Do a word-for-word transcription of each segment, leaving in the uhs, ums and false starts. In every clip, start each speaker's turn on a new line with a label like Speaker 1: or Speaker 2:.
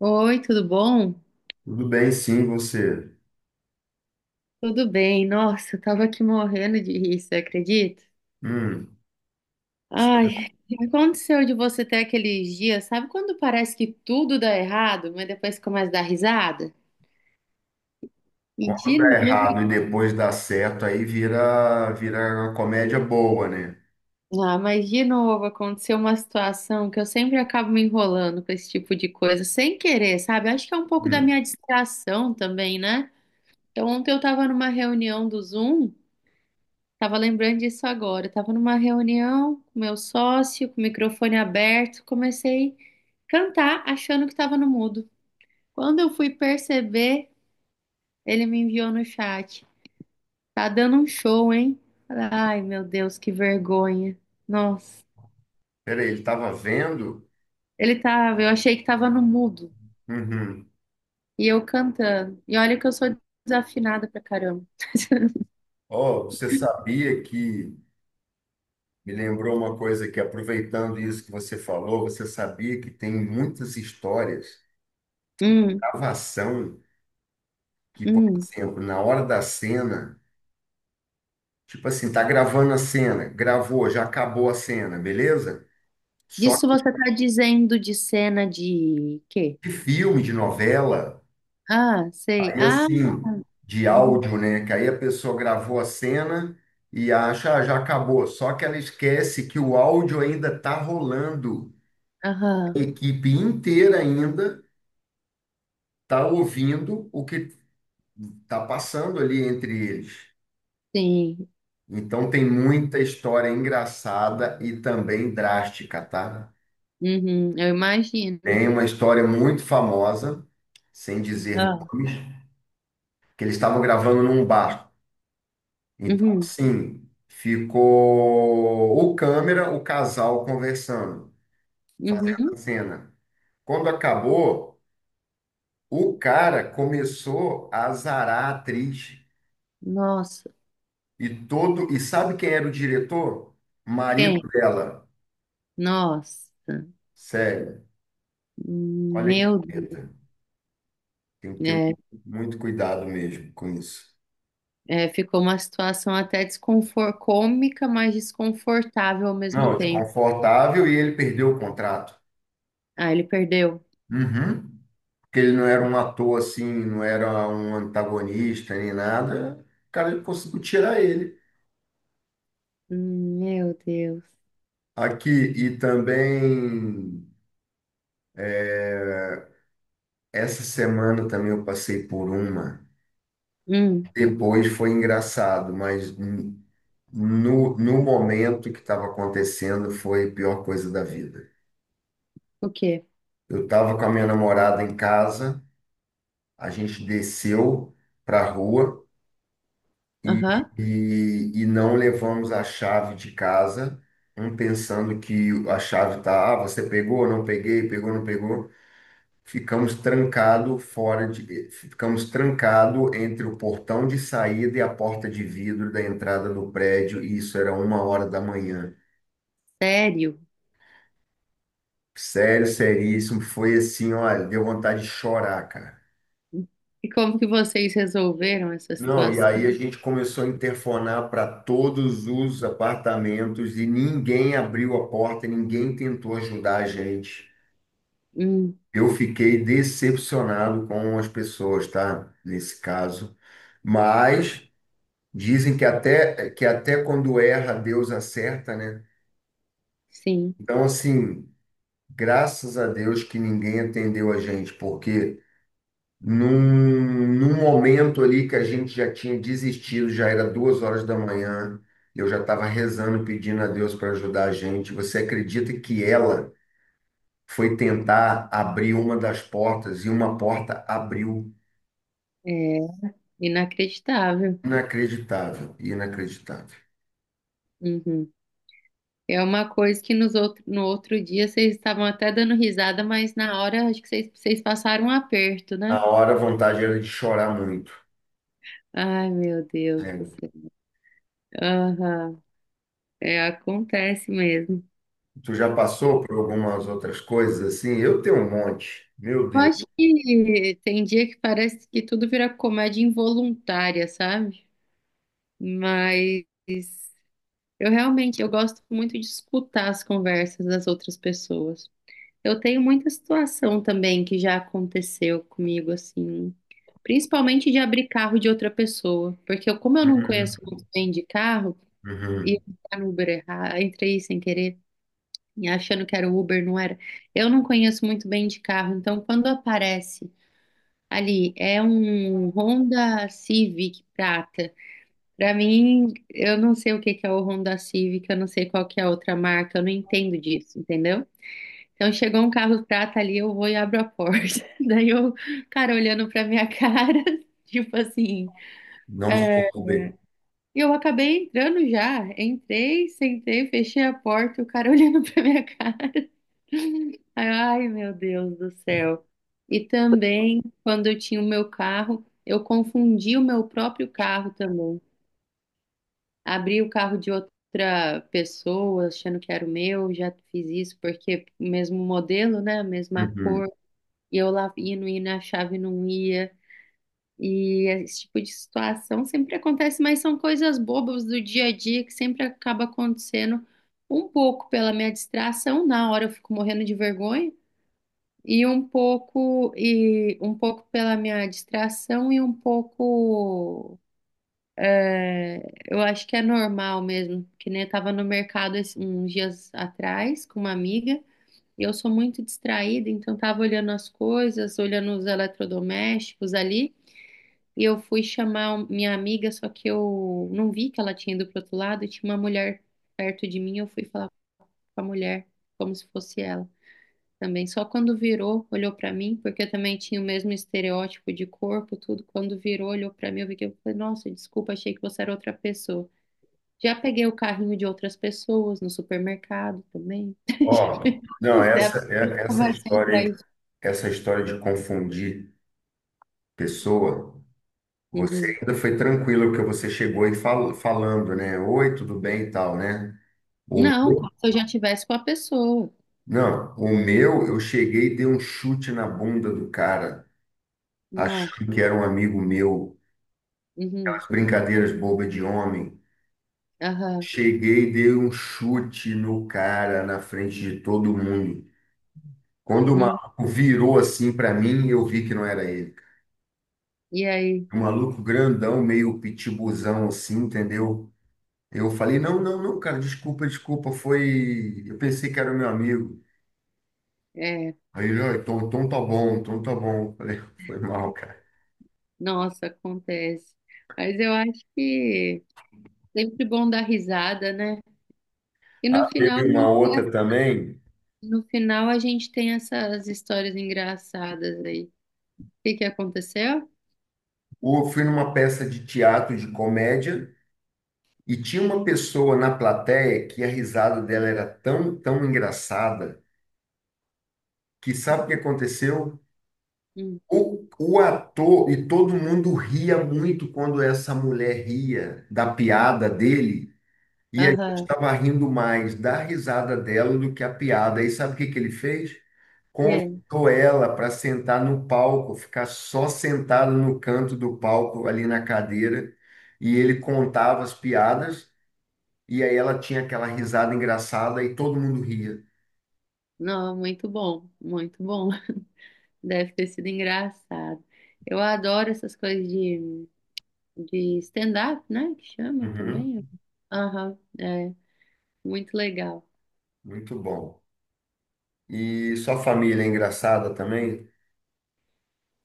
Speaker 1: Oi, tudo bom?
Speaker 2: Tudo bem, sim, você.
Speaker 1: Tudo bem. Nossa, eu tava aqui morrendo de rir, você acredita?
Speaker 2: Hum,
Speaker 1: Ai, o que aconteceu de você ter aqueles dias, sabe quando parece que tudo dá errado, mas depois começa a dar risada? E
Speaker 2: quando dá
Speaker 1: de novo,
Speaker 2: errado e depois dá certo, aí vira, vira uma comédia boa, né?
Speaker 1: ah, mas de novo aconteceu uma situação que eu sempre acabo me enrolando com esse tipo de coisa, sem querer, sabe? Acho que é um pouco da
Speaker 2: Hum,
Speaker 1: minha distração também, né? Então, ontem eu tava numa reunião do Zoom. Tava lembrando disso agora. Eu tava numa reunião com meu sócio, com o microfone aberto, comecei a cantar achando que tava no mudo. Quando eu fui perceber, ele me enviou no chat. Tá dando um show, hein? Ai, meu Deus, que vergonha. Nossa,
Speaker 2: peraí, ele estava vendo?
Speaker 1: ele tava, eu achei que tava no mudo
Speaker 2: Uhum.
Speaker 1: e eu cantando. E olha que eu sou desafinada pra caramba.
Speaker 2: Oh, você sabia que. Me lembrou uma coisa que, aproveitando isso que você falou, você sabia que tem muitas histórias,
Speaker 1: Hum,
Speaker 2: gravação, que, por
Speaker 1: hum.
Speaker 2: exemplo, na hora da cena, tipo assim, tá gravando a cena, gravou, já acabou a cena, beleza? Só
Speaker 1: Disso você tá dizendo de cena de quê?
Speaker 2: que de filme, de novela.
Speaker 1: Ah, sei.
Speaker 2: Aí
Speaker 1: Ah,
Speaker 2: assim, de
Speaker 1: uhum.
Speaker 2: áudio, né? Que aí a pessoa gravou a cena e acha, ah, já acabou. Só que ela esquece que o áudio ainda está rolando. A
Speaker 1: Aham,
Speaker 2: equipe inteira ainda está ouvindo o que está passando ali entre eles.
Speaker 1: sim.
Speaker 2: Então tem muita história engraçada e também drástica, tá?
Speaker 1: Uhum, eu imagino.
Speaker 2: Tem uma história muito famosa, sem dizer
Speaker 1: Ah,
Speaker 2: nomes, que eles estavam gravando num bar. Então,
Speaker 1: uhum,
Speaker 2: assim, ficou o câmera, o casal conversando, fazendo a
Speaker 1: uhum.
Speaker 2: cena. Quando acabou, o cara começou a azarar a atriz
Speaker 1: Nossa,
Speaker 2: e todo, e sabe quem era o diretor? Marido
Speaker 1: quem?
Speaker 2: dela.
Speaker 1: Nossa,
Speaker 2: Sério, olha que
Speaker 1: meu Deus.
Speaker 2: treta. Tem que ter
Speaker 1: É,
Speaker 2: muito cuidado mesmo com isso.
Speaker 1: é, ficou uma situação até desconfor cômica, mas desconfortável ao mesmo
Speaker 2: Não,
Speaker 1: tempo.
Speaker 2: desconfortável e ele perdeu o contrato.
Speaker 1: Ah, ele perdeu.
Speaker 2: Uhum. Que ele não era um ator assim, não era um antagonista nem nada, o cara conseguiu tirar ele.
Speaker 1: Hum, meu Deus.
Speaker 2: Aqui, e também, essa semana também eu passei por uma.
Speaker 1: Hum,
Speaker 2: Depois foi engraçado, mas n- no, no momento que estava acontecendo foi a pior coisa da vida.
Speaker 1: o quê?
Speaker 2: Eu estava com a minha namorada em casa, a gente desceu para a rua. E,
Speaker 1: Aham,
Speaker 2: e, e não levamos a chave de casa, um pensando que a chave tá, ah, você pegou, não peguei, pegou, não pegou. Ficamos trancado fora de, ficamos trancado entre o portão de saída e a porta de vidro da entrada do prédio, e isso era uma hora da manhã.
Speaker 1: sério?
Speaker 2: Sério, seríssimo, foi assim, olha, deu vontade de chorar, cara.
Speaker 1: E como que vocês resolveram essa
Speaker 2: Não, e
Speaker 1: situação?
Speaker 2: aí a gente começou a interfonar para todos os apartamentos e ninguém abriu a porta, ninguém tentou ajudar a gente.
Speaker 1: Hum,
Speaker 2: Eu fiquei decepcionado com as pessoas, tá? Nesse caso. Mas dizem que até que até quando erra, Deus acerta, né?
Speaker 1: sim,
Speaker 2: Então, assim, graças a Deus que ninguém atendeu a gente, porque Num, num momento ali que a gente já tinha desistido, já era duas horas da manhã, eu já estava rezando, pedindo a Deus para ajudar a gente. Você acredita que ela foi tentar abrir uma das portas e uma porta abriu?
Speaker 1: é inacreditável.
Speaker 2: Inacreditável, inacreditável.
Speaker 1: Uhum. É uma coisa que nos outro, no outro dia vocês estavam até dando risada, mas na hora acho que vocês, vocês passaram um aperto,
Speaker 2: A
Speaker 1: né?
Speaker 2: hora a vontade era de chorar muito.
Speaker 1: Ai, meu Deus do
Speaker 2: Sério.
Speaker 1: céu. Aham, é, acontece mesmo.
Speaker 2: Tu já passou por algumas outras coisas assim? Eu tenho um monte, meu
Speaker 1: Eu
Speaker 2: Deus.
Speaker 1: acho que tem dia que parece que tudo vira comédia involuntária, sabe? Mas eu realmente eu gosto muito de escutar as conversas das outras pessoas. Eu tenho muita situação também que já aconteceu comigo, assim, principalmente de abrir carro de outra pessoa, porque eu, como eu não
Speaker 2: Uhum,
Speaker 1: conheço muito bem de carro, e
Speaker 2: uhum.
Speaker 1: entrar no Uber errado, entrei sem querer, e achando que era o Uber, não era. Eu não conheço muito bem de carro, então quando aparece ali, é um Honda Civic prata. Pra mim, eu não sei o que que é o Honda Civic, eu não sei qual que é a outra marca, eu não entendo disso, entendeu? Então chegou um carro prata ali, eu vou e abro a porta. Daí eu, cara, olhando pra minha cara, tipo assim.
Speaker 2: Não sou Uber.
Speaker 1: E eu acabei entrando já. Entrei, sentei, fechei a porta, o cara olhando pra minha cara. Aí eu, ai, meu Deus do céu. E também, quando eu tinha o meu carro, eu confundi o meu próprio carro também. Abri o carro de outra pessoa, achando que era o meu, já fiz isso, porque o mesmo modelo, né? A mesma
Speaker 2: Uhum.
Speaker 1: cor. E eu lá ia, não ia, na chave não ia. E esse tipo de situação sempre acontece, mas são coisas bobas do dia a dia que sempre acaba acontecendo um pouco pela minha distração, na hora eu fico morrendo de vergonha, e um pouco e um pouco pela minha distração e um pouco é, eu acho que é normal mesmo, que nem eu tava no mercado esse- uns dias atrás com uma amiga e eu sou muito distraída, então estava olhando as coisas, olhando os eletrodomésticos ali, e eu fui chamar um- minha amiga, só que eu não vi que ela tinha ido pro outro lado, e tinha uma mulher perto de mim, eu fui falar com a mulher, como se fosse ela também. Só quando virou, olhou para mim, porque eu também tinha o mesmo estereótipo de corpo, tudo, quando virou, olhou para mim, eu vi que eu falei, nossa, desculpa, achei que você era outra pessoa. Já peguei o carrinho de outras pessoas no supermercado também.
Speaker 2: Ó, não,
Speaker 1: Dá
Speaker 2: essa,
Speaker 1: pra
Speaker 2: é- essa
Speaker 1: conversar
Speaker 2: história,
Speaker 1: atrás.
Speaker 2: essa história de confundir pessoa, você
Speaker 1: Uhum.
Speaker 2: ainda foi tranquilo porque você chegou e fal, falando, né? Oi, tudo bem e tal, né? O
Speaker 1: Não,
Speaker 2: meu,
Speaker 1: como se eu já tivesse com a pessoa.
Speaker 2: não, o meu, eu cheguei e dei um chute na bunda do cara,
Speaker 1: Nossa,
Speaker 2: achando que era um amigo meu.
Speaker 1: uhum,
Speaker 2: Aquelas brincadeiras bobas de homem.
Speaker 1: aham,
Speaker 2: Cheguei e dei um chute no cara na frente de todo mundo. Quando o
Speaker 1: uhum.
Speaker 2: maluco virou assim para mim, eu vi que não era ele.
Speaker 1: E aí,
Speaker 2: Um maluco grandão, meio pitibuzão assim, entendeu? Eu falei, não, não, não, cara, desculpa, desculpa, foi. Eu pensei que era meu amigo.
Speaker 1: é,
Speaker 2: Aí ele, "Ah, então, então tá bom, então tá bom. Eu falei, foi mal, cara.
Speaker 1: nossa, acontece. Mas eu acho que sempre bom dar risada, né? E
Speaker 2: Ah,
Speaker 1: no final
Speaker 2: teve
Speaker 1: a
Speaker 2: uma
Speaker 1: gente,
Speaker 2: outra também.
Speaker 1: no final a gente tem essas histórias engraçadas aí. O que que aconteceu?
Speaker 2: Eu fui numa peça de teatro de comédia e tinha uma pessoa na plateia que a risada dela era tão, tão engraçada que sabe o que aconteceu?
Speaker 1: Hum,
Speaker 2: O, o ator e todo mundo ria muito quando essa mulher ria da piada dele, e a gente
Speaker 1: Aham,
Speaker 2: estava rindo mais da risada dela do que a piada. E sabe o que que ele fez?
Speaker 1: é.
Speaker 2: Convidou ela para sentar no palco, ficar só sentado no canto do palco, ali na cadeira, e ele contava as piadas, e aí ela tinha aquela risada engraçada e todo mundo ria.
Speaker 1: Não, muito bom, muito bom. Deve ter sido engraçado. Eu adoro essas coisas de de stand-up, né? Que chama
Speaker 2: Uhum,
Speaker 1: também. Aham, é muito legal.
Speaker 2: muito bom. E sua família é engraçada também?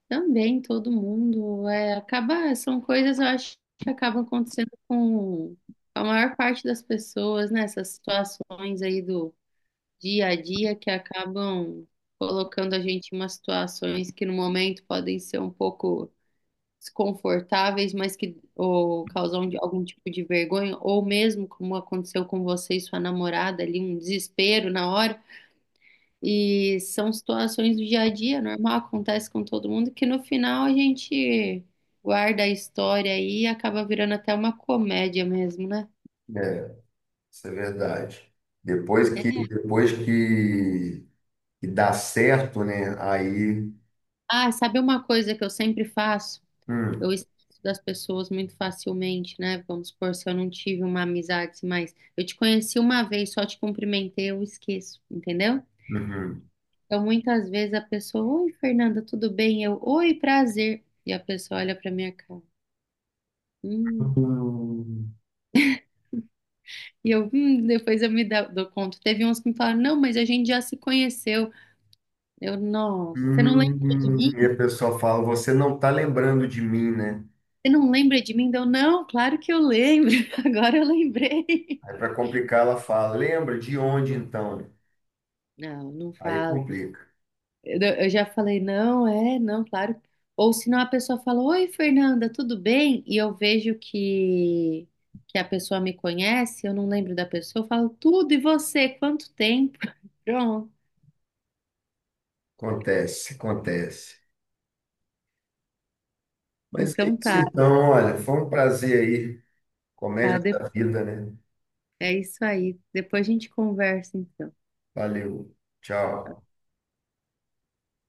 Speaker 1: Também todo mundo é, acaba, são coisas eu acho que acabam acontecendo com a maior parte das pessoas, né? Essas situações aí do dia a dia que acabam colocando a gente em umas situações que no momento podem ser um pouco desconfortáveis, mas que ou causam de- algum tipo de vergonha, ou mesmo como aconteceu com você e sua namorada ali, um desespero na hora. E são situações do dia a dia, normal, acontece com todo mundo, que no final a gente guarda a história aí e acaba virando até uma comédia mesmo, né?
Speaker 2: É. Isso é verdade. Depois que,
Speaker 1: É,
Speaker 2: depois que, que dá certo, né? Aí.
Speaker 1: ah, sabe uma coisa que eu sempre faço? Eu
Speaker 2: Hum,
Speaker 1: esqueço das pessoas muito facilmente, né? Vamos supor, se eu não tive uma amizade assim mais. Eu te conheci uma vez, só te cumprimentei, eu esqueço, entendeu?
Speaker 2: uhum.
Speaker 1: Então, muitas vezes a pessoa, oi, Fernanda, tudo bem? Eu, oi, prazer. E a pessoa olha pra minha cara. Hum.
Speaker 2: Hum,
Speaker 1: E eu, hum, depois eu me da- dou conta. Teve uns que me falaram, não, mas a gente já se conheceu. Eu, nossa, você não lembra de
Speaker 2: hum, e
Speaker 1: mim?
Speaker 2: a pessoa fala, você não está lembrando de mim, né?
Speaker 1: Você não lembra de mim? Deu, não, claro que eu lembro. Agora eu lembrei.
Speaker 2: Aí para complicar, ela fala, lembra de onde então?
Speaker 1: Não, não
Speaker 2: Aí
Speaker 1: fala.
Speaker 2: complica.
Speaker 1: Eu, eu já falei, não, é, não, claro. Ou senão a pessoa fala, oi, Fernanda, tudo bem? E eu vejo que, que a pessoa me conhece, eu não lembro da pessoa, eu falo, tudo, e você? Quanto tempo? Pronto.
Speaker 2: Acontece, acontece. Mas é
Speaker 1: Então
Speaker 2: isso
Speaker 1: tá,
Speaker 2: então, olha, foi um prazer aí. Comédia
Speaker 1: tá.
Speaker 2: da vida, né?
Speaker 1: É isso aí. Depois a gente conversa, então.
Speaker 2: Valeu. Tchau.